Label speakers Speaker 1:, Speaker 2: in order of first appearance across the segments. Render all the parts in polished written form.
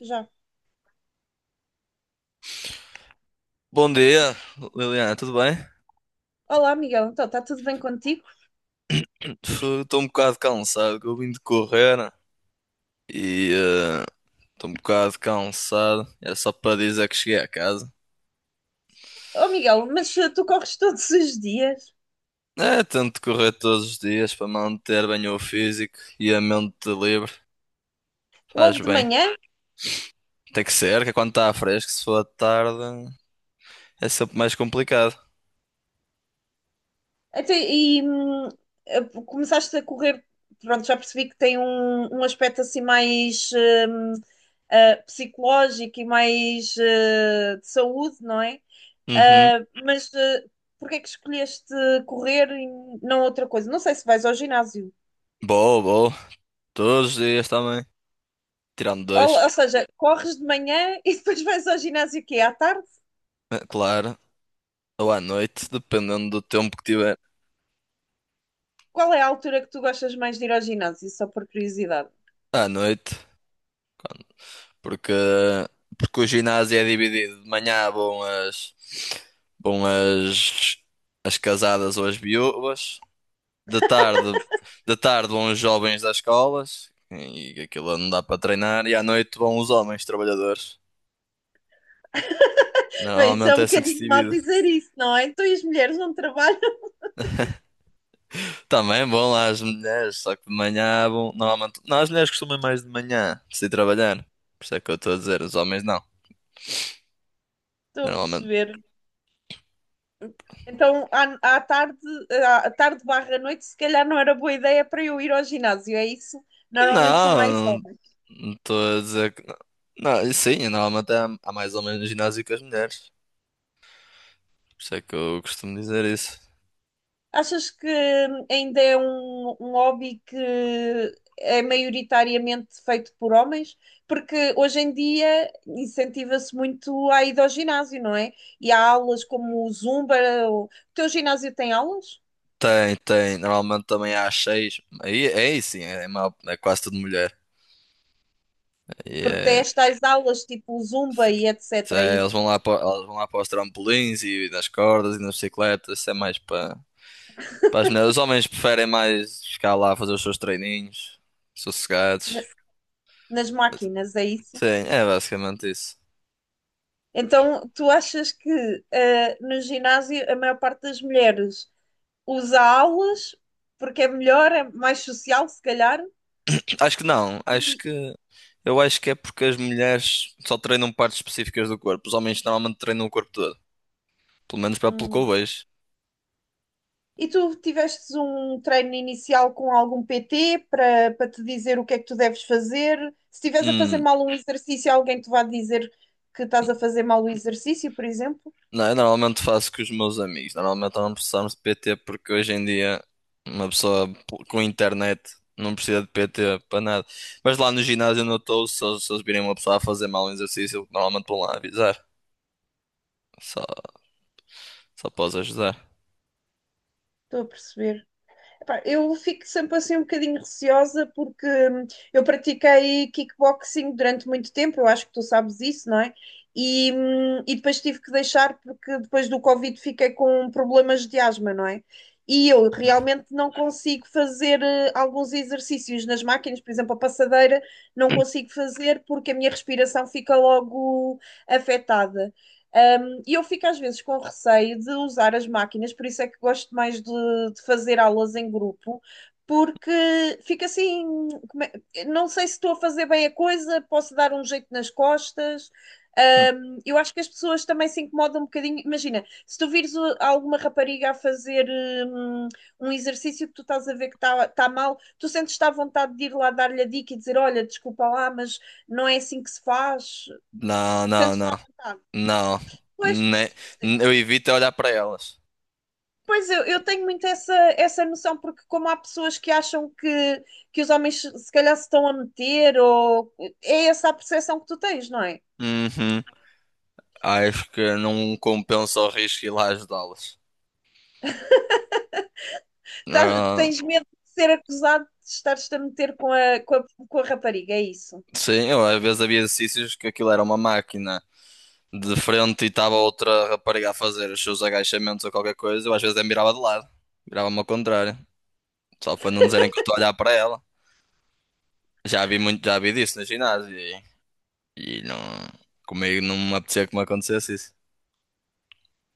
Speaker 1: Já.
Speaker 2: Bom dia, Liliana, tudo bem?
Speaker 1: Olá, Miguel. Então, está tudo bem contigo?
Speaker 2: Estou um bocado cansado, que eu vim de correr, né? E estou um bocado cansado. É só para dizer que cheguei a casa.
Speaker 1: Oh, Miguel, mas tu corres todos os dias?
Speaker 2: É, tento correr todos os dias para manter bem o físico e a mente livre.
Speaker 1: Logo
Speaker 2: Faz
Speaker 1: de
Speaker 2: bem.
Speaker 1: manhã?
Speaker 2: Tem que ser, que é quando está fresco, se for à tarde, é sempre mais complicado.
Speaker 1: Até, e hum, Começaste a correr, pronto, já percebi que tem um aspecto assim mais psicológico e mais de saúde, não é?
Speaker 2: Uhum.
Speaker 1: Ah, mas eh, Porquê é que escolheste correr e não outra coisa? Não sei se vais ao ginásio.
Speaker 2: Boa, boa. Todos os dias também. Tirando
Speaker 1: Ou
Speaker 2: dois.
Speaker 1: seja, corres de manhã e depois vais ao ginásio o quê? À tarde?
Speaker 2: É claro. Ou à noite, dependendo do tempo que tiver.
Speaker 1: Qual é a altura que tu gostas mais de ir ao ginásio? Só por curiosidade.
Speaker 2: À noite. Porque, porque o ginásio é dividido. De manhã vão as casadas ou as viúvas. De tarde, de tarde, vão os jovens das escolas. E aquilo não dá para treinar. E à noite vão os homens trabalhadores.
Speaker 1: Bem, isso é
Speaker 2: Normalmente
Speaker 1: um
Speaker 2: é assim que se
Speaker 1: bocadinho mal
Speaker 2: divide.
Speaker 1: dizer isso, não é? Tu e as mulheres não trabalham.
Speaker 2: Também vão lá as mulheres, só que de manhã vão. Normalmente. Não, as mulheres costumam ir mais de manhã, se ir trabalhar. Por isso é que eu estou a dizer, os homens não.
Speaker 1: Estou a
Speaker 2: Normalmente.
Speaker 1: perceber. Então, à tarde, à tarde barra noite, se calhar não era boa ideia para eu ir ao ginásio, é isso? Normalmente são mais
Speaker 2: Não, não,
Speaker 1: homens.
Speaker 2: não estou a dizer que não. Não, sim, normalmente há mais ou menos ginásio que as mulheres. Por isso é que eu costumo dizer isso.
Speaker 1: Achas que ainda é um hobby que é maioritariamente feito por homens? Porque hoje em dia incentiva-se muito a ida ao ginásio, não é? E há aulas como o Zumba. O teu ginásio tem aulas?
Speaker 2: Tem, tem. Normalmente também há seis. Aí, sim, é quase tudo mulher. E
Speaker 1: Porque tem
Speaker 2: é,
Speaker 1: estas aulas tipo o Zumba e etc., é
Speaker 2: eles vão
Speaker 1: isso?
Speaker 2: lá para, elas vão lá para os trampolins e nas cordas e nas bicicletas. Isso é mais para as mulheres. Os homens preferem mais ficar lá a fazer os seus treininhos,
Speaker 1: Na-
Speaker 2: sossegados.
Speaker 1: Nas máquinas, é isso?
Speaker 2: Sim, é basicamente isso.
Speaker 1: Então, tu achas que no ginásio a maior parte das mulheres usa aulas porque é melhor, é mais social, se calhar?
Speaker 2: Acho que não, acho
Speaker 1: E
Speaker 2: que eu acho que é porque as mulheres só treinam partes específicas do corpo, os homens normalmente treinam o corpo todo, pelo menos para pelo que eu
Speaker 1: hum.
Speaker 2: vejo.
Speaker 1: E tu tivestes um treino inicial com algum PT para te dizer o que é que tu deves fazer? Se estiveres a fazer
Speaker 2: Hum,
Speaker 1: mal um exercício, alguém te vai dizer que estás a fazer mal o exercício, por exemplo?
Speaker 2: não, eu normalmente faço com os meus amigos, normalmente não precisamos de PT porque hoje em dia uma pessoa com internet não precisa de PT para nada. Mas lá no ginásio onde eu estou, se eles virem uma pessoa a fazer mal um exercício, eu normalmente vão lá avisar, só, só posso ajudar.
Speaker 1: Estou a perceber. Epá, eu fico sempre assim um bocadinho receosa porque eu pratiquei kickboxing durante muito tempo, eu acho que tu sabes isso, não é? E depois tive que deixar porque depois do Covid fiquei com problemas de asma, não é? E eu
Speaker 2: Hum.
Speaker 1: realmente não consigo fazer alguns exercícios nas máquinas, por exemplo, a passadeira, não consigo fazer porque a minha respiração fica logo afetada. E eu fico às vezes com receio de usar as máquinas, por isso é que gosto mais de fazer aulas em grupo, porque fica assim, como não sei se estou a fazer bem a coisa, posso dar um jeito nas costas.
Speaker 2: Hum.
Speaker 1: Eu acho que as pessoas também se incomodam um bocadinho. Imagina, se tu vires alguma rapariga a fazer hum, exercício que tu estás a ver que está mal, tu sentes-te à vontade de ir lá dar-lhe a dica e dizer: Olha, desculpa lá, mas não é assim que se faz.
Speaker 2: Não, não,
Speaker 1: Sentes-te à
Speaker 2: não,
Speaker 1: vontade.
Speaker 2: não,
Speaker 1: Pois.
Speaker 2: Ne- eu evito é olhar para elas.
Speaker 1: Pois eu tenho muito essa, essa noção, porque como há pessoas que acham que os homens se calhar se estão a meter, ou é essa a percepção que tu tens, não é?
Speaker 2: Uhum. Acho que não compensa o risco ir lá ajudá-los. Ah,
Speaker 1: Tens medo de ser acusado de estares-te a meter com a, com a, com a rapariga, é isso.
Speaker 2: sim, às vezes havia exercícios que aquilo era uma máquina de frente e estava outra rapariga a fazer os seus agachamentos ou qualquer coisa, eu às vezes me virava de lado, virava-me ao contrário, só para não dizerem que eu estou a olhar para ela. Já vi muito, já vi disso no ginásio e não, comigo não me apetecia que me acontecesse isso.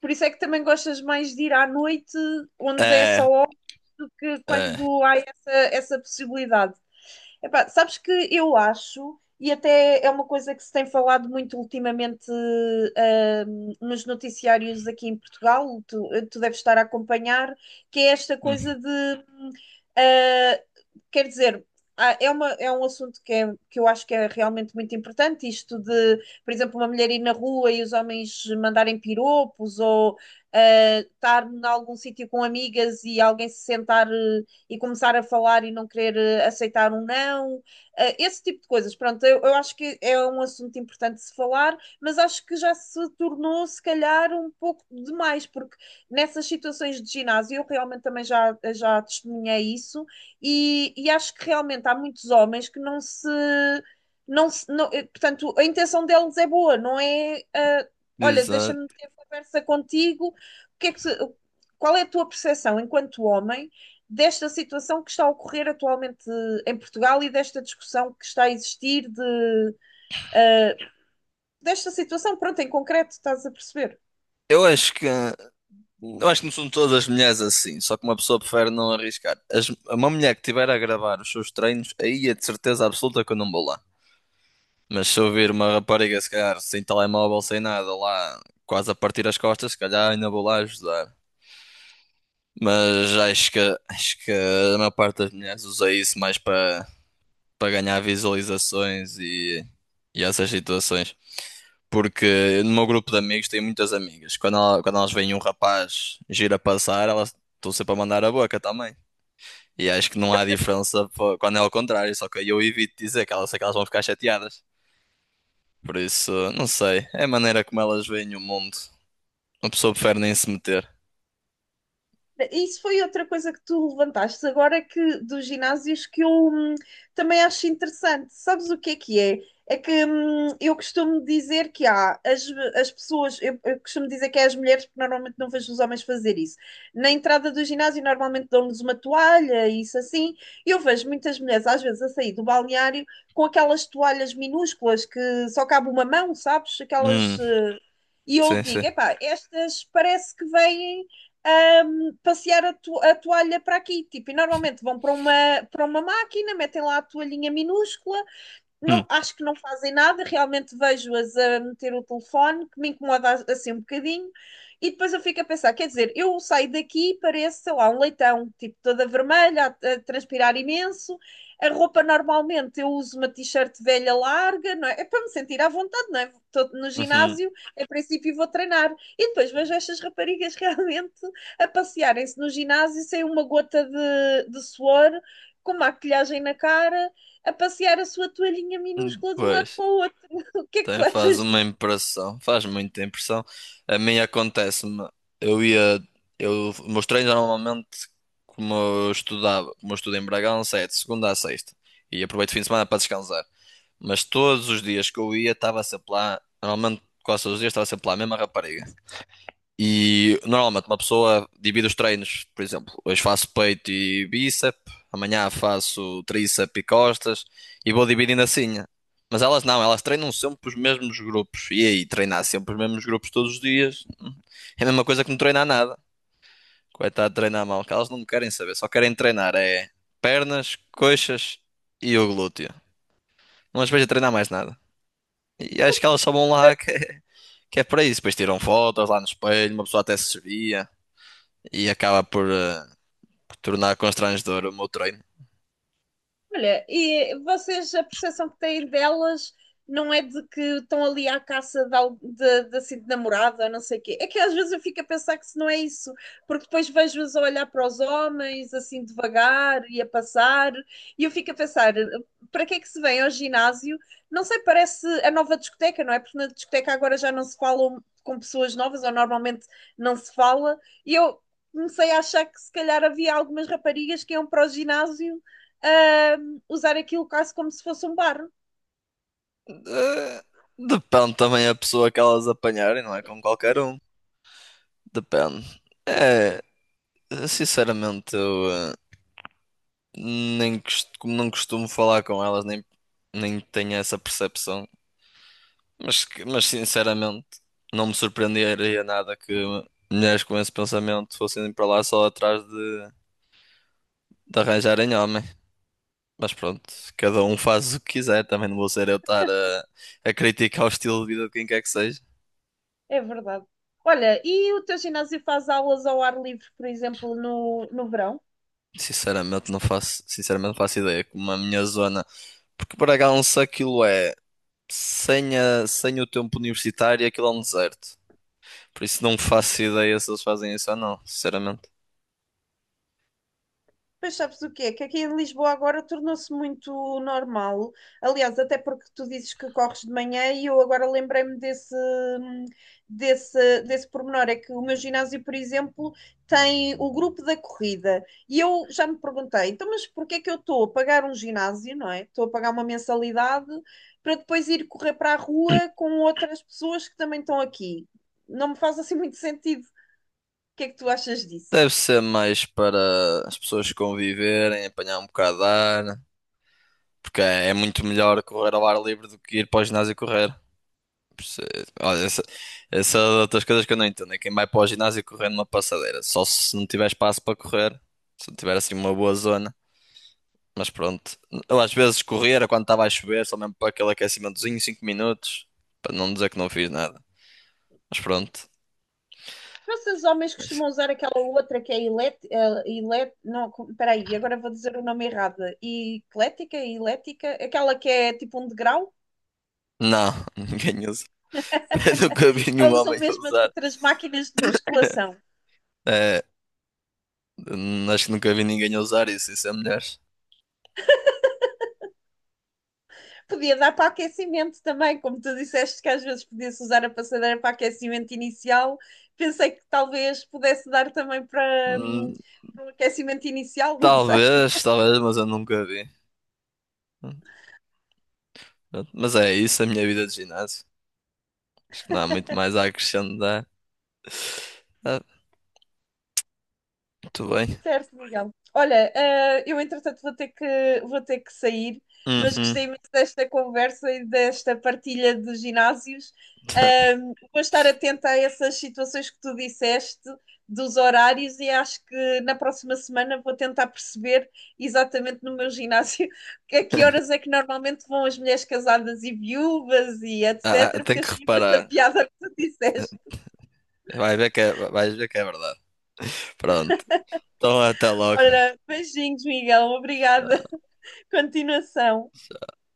Speaker 1: Por isso é que também gostas mais de ir à noite, onde é
Speaker 2: É,
Speaker 1: só homens, do que
Speaker 2: é.
Speaker 1: quando há essa, essa possibilidade. Epá, sabes que eu acho, e até é uma coisa que se tem falado muito ultimamente, nos noticiários aqui em Portugal, tu deves estar a acompanhar, que é esta
Speaker 2: Hum,
Speaker 1: coisa de, ah, Quer dizer, é uma, é um assunto que é, que eu acho que é realmente muito importante, isto de, por exemplo, uma mulher ir na rua e os homens mandarem piropos, ou estar em algum sítio com amigas e alguém se sentar e começar a falar e não querer aceitar um não, esse tipo de coisas. Pronto, eu acho que é um assunto importante de se falar, mas acho que já se tornou, se calhar, um pouco demais, porque nessas situações de ginásio eu realmente também já testemunhei isso e acho que realmente há muitos homens que não se. Não, se- não, eh, Portanto, a intenção deles é boa, não é. Olha,
Speaker 2: exato.
Speaker 1: deixa-me ter conversa contigo. O que é que se- Qual é a tua percepção enquanto homem desta situação que está a ocorrer atualmente em Portugal e desta discussão que está a existir de, uh, desta situação, pronto, em concreto, estás a perceber?
Speaker 2: Eu acho que. Eu acho que não são todas as mulheres assim, só que uma pessoa prefere não arriscar. Uma mulher que estiver a gravar os seus treinos, aí é de certeza absoluta que eu não vou lá. Mas se eu vir uma rapariga, se calhar, sem telemóvel, sem nada, lá quase a partir as costas, se calhar ainda vou lá ajudar. Mas acho que a maior parte das mulheres usa isso mais para ganhar visualizações e essas situações. Porque no meu grupo de amigos tenho muitas amigas. Quando elas veem um rapaz gira passar, elas estão sempre a mandar a boca também. E acho que não há diferença quando é ao contrário, só que eu evito sei que elas vão ficar chateadas. Por isso, não sei. É a maneira como elas veem o mundo. Uma pessoa prefere nem se meter.
Speaker 1: Isso foi outra coisa que tu levantaste agora é que dos ginásios que eu também acho interessante. Sabes o que é que é? É que eu costumo dizer que há as pessoas, eu costumo dizer que é as mulheres, porque normalmente não vejo os homens fazer isso. Na entrada do ginásio, normalmente dão-nos uma toalha, isso assim. Eu vejo muitas mulheres, às vezes, a sair do balneário com aquelas toalhas minúsculas que só cabe uma mão, sabes? Aquelas.
Speaker 2: Hum,
Speaker 1: E eu
Speaker 2: sim, sim.
Speaker 1: digo, epá, estas parece que vêm passear a toalha para aqui. Tipo, e normalmente vão para para uma máquina, metem lá a toalhinha minúscula. Não,
Speaker 2: Hum,
Speaker 1: acho que não fazem nada, realmente vejo-as a meter o telefone, que me incomoda assim um bocadinho, e depois eu fico a pensar, quer dizer, eu saio daqui e pareço, sei lá, um leitão, tipo, toda vermelha, a transpirar imenso, a roupa normalmente eu uso uma t-shirt velha larga, não é? É para me sentir à vontade, não é? Estou no
Speaker 2: uhum,
Speaker 1: ginásio, a princípio vou treinar, e depois vejo estas raparigas realmente a passearem-se no ginásio sem uma gota de suor, com maquilhagem na cara, a passear a sua toalhinha minúscula de um lado
Speaker 2: pois.
Speaker 1: para o outro. O que é que tu
Speaker 2: Tem, faz
Speaker 1: achas
Speaker 2: uma
Speaker 1: disso?
Speaker 2: impressão, faz muita impressão. A mim acontece-me, eu ia, os meus treinos normalmente, como eu estudo em Bragança, é de segunda a sexta, e aproveito o fim de semana para descansar. Mas todos os dias que eu ia, estava sempre lá, normalmente quase todos os dias estava sempre lá, a mesma rapariga. E normalmente uma pessoa divide os treinos, por exemplo, hoje faço peito e bíceps, amanhã faço tríceps e costas e vou dividindo assim. Mas elas não, elas treinam sempre os mesmos grupos. E aí, treinar sempre os mesmos grupos todos os dias é a mesma coisa que não treinar nada. Coitado de treinar mal, que elas não querem saber, só querem treinar é pernas, coxas e o glúteo. Não as vejo a treinar mais nada. E acho que elas só vão lá que é para isso. Depois tiram fotos lá no espelho, uma pessoa até se servia. E acaba por tornar constrangedor o meu treino.
Speaker 1: Olha, e vocês, a percepção que têm delas não é de que estão ali à caça de assim, de namorada, não sei o quê. É que às vezes eu fico a pensar que se não é isso, porque depois vejo-as a olhar para os homens, assim, devagar e a passar, e eu fico a pensar, para que é que se vem ao ginásio? Não sei, parece a nova discoteca, não é? Porque na discoteca agora já não se falam com pessoas novas, ou normalmente não se fala, e eu comecei a achar que se calhar havia algumas raparigas que iam para o ginásio ah, usar aquilo quase como se fosse um bar.
Speaker 2: Eh, depende também a pessoa que elas apanharem, não é com qualquer um. Depende. É, sinceramente, nem cost- como não costumo falar com elas, nem tenho essa percepção. Mas sinceramente, não me surpreenderia nada que mulheres com esse pensamento fossem para lá só atrás de arranjarem homem. Mas pronto, cada um faz o que quiser, também não vou ser eu estar a criticar o estilo de vida de quem quer que seja.
Speaker 1: É verdade. Olha, e o teu ginásio faz aulas ao ar livre, por exemplo, no verão?
Speaker 2: Sinceramente não faço ideia como a minha zona, porque Bragança aquilo é sem o tempo universitário, aquilo é um deserto. Por isso não faço ideia se eles fazem isso ou não, sinceramente.
Speaker 1: Pois sabes o quê? Que aqui em Lisboa agora tornou-se muito normal. Aliás, até porque tu dizes que corres de manhã e eu agora lembrei-me desse pormenor. É que o meu ginásio, por exemplo, tem o grupo da corrida. E eu já me perguntei, então, mas porquê é que eu estou a pagar um ginásio, não é? Estou a pagar uma mensalidade para depois ir correr para a rua com outras pessoas que também estão aqui. Não me faz assim muito sentido. O que é que tu achas disso?
Speaker 2: Deve ser mais para as pessoas conviverem, apanhar um bocado de ar, porque é muito melhor correr ao ar livre do que ir para o ginásio correr. Perce- Olha, essa é outras coisas que eu não entendo. É quem vai para o ginásio correr numa passadeira. Só se não tiver espaço para correr. Se não tiver assim uma boa zona. Mas pronto. Eu às vezes corria quando estava a chover, só mesmo para aquele aquecimentozinho, 5 minutos. Para não dizer que não fiz nada. Mas pronto.
Speaker 1: Vocês homens
Speaker 2: Mas-
Speaker 1: costumam usar aquela outra que é elet, eh, elet, não, co- peraí, agora vou dizer o nome errado. E Eclética, elética, aquela que é tipo um degrau.
Speaker 2: Não, ninguém usa. Nunca vi nenhum
Speaker 1: Ou usam
Speaker 2: homem a
Speaker 1: mesmo as
Speaker 2: usar.
Speaker 1: outras máquinas de musculação.
Speaker 2: É, acho que nunca vi ninguém a usar isso. Isso é mulheres.
Speaker 1: Podia dar para aquecimento também, como tu disseste que às vezes podia-se usar a passadeira para aquecimento inicial. Pensei que talvez pudesse dar também para,
Speaker 2: Hum,
Speaker 1: para o aquecimento inicial, não sei.
Speaker 2: Talvez, talvez, mas eu nunca vi. Hum, pronto. Mas é isso, a minha vida de ginásio. Acho que não há muito mais a acrescentar. Ah, muito bem.
Speaker 1: Certo, Miguel. Olha, eu entretanto vou ter que sair, mas
Speaker 2: Uhum.
Speaker 1: gostei muito desta conversa e desta partilha dos ginásios. Vou estar atenta a essas situações que tu disseste, dos horários, e acho que na próxima semana vou tentar perceber exatamente no meu ginásio a que horas é que normalmente vão as mulheres casadas e viúvas e
Speaker 2: Ah, ah,
Speaker 1: etc., porque
Speaker 2: tenho que
Speaker 1: achei imensa
Speaker 2: reparar.
Speaker 1: piada que tu disseste.
Speaker 2: Vais ver que é verdade. Pronto. Então até logo.
Speaker 1: Ora, beijinhos, Miguel. Obrigada. Continuação.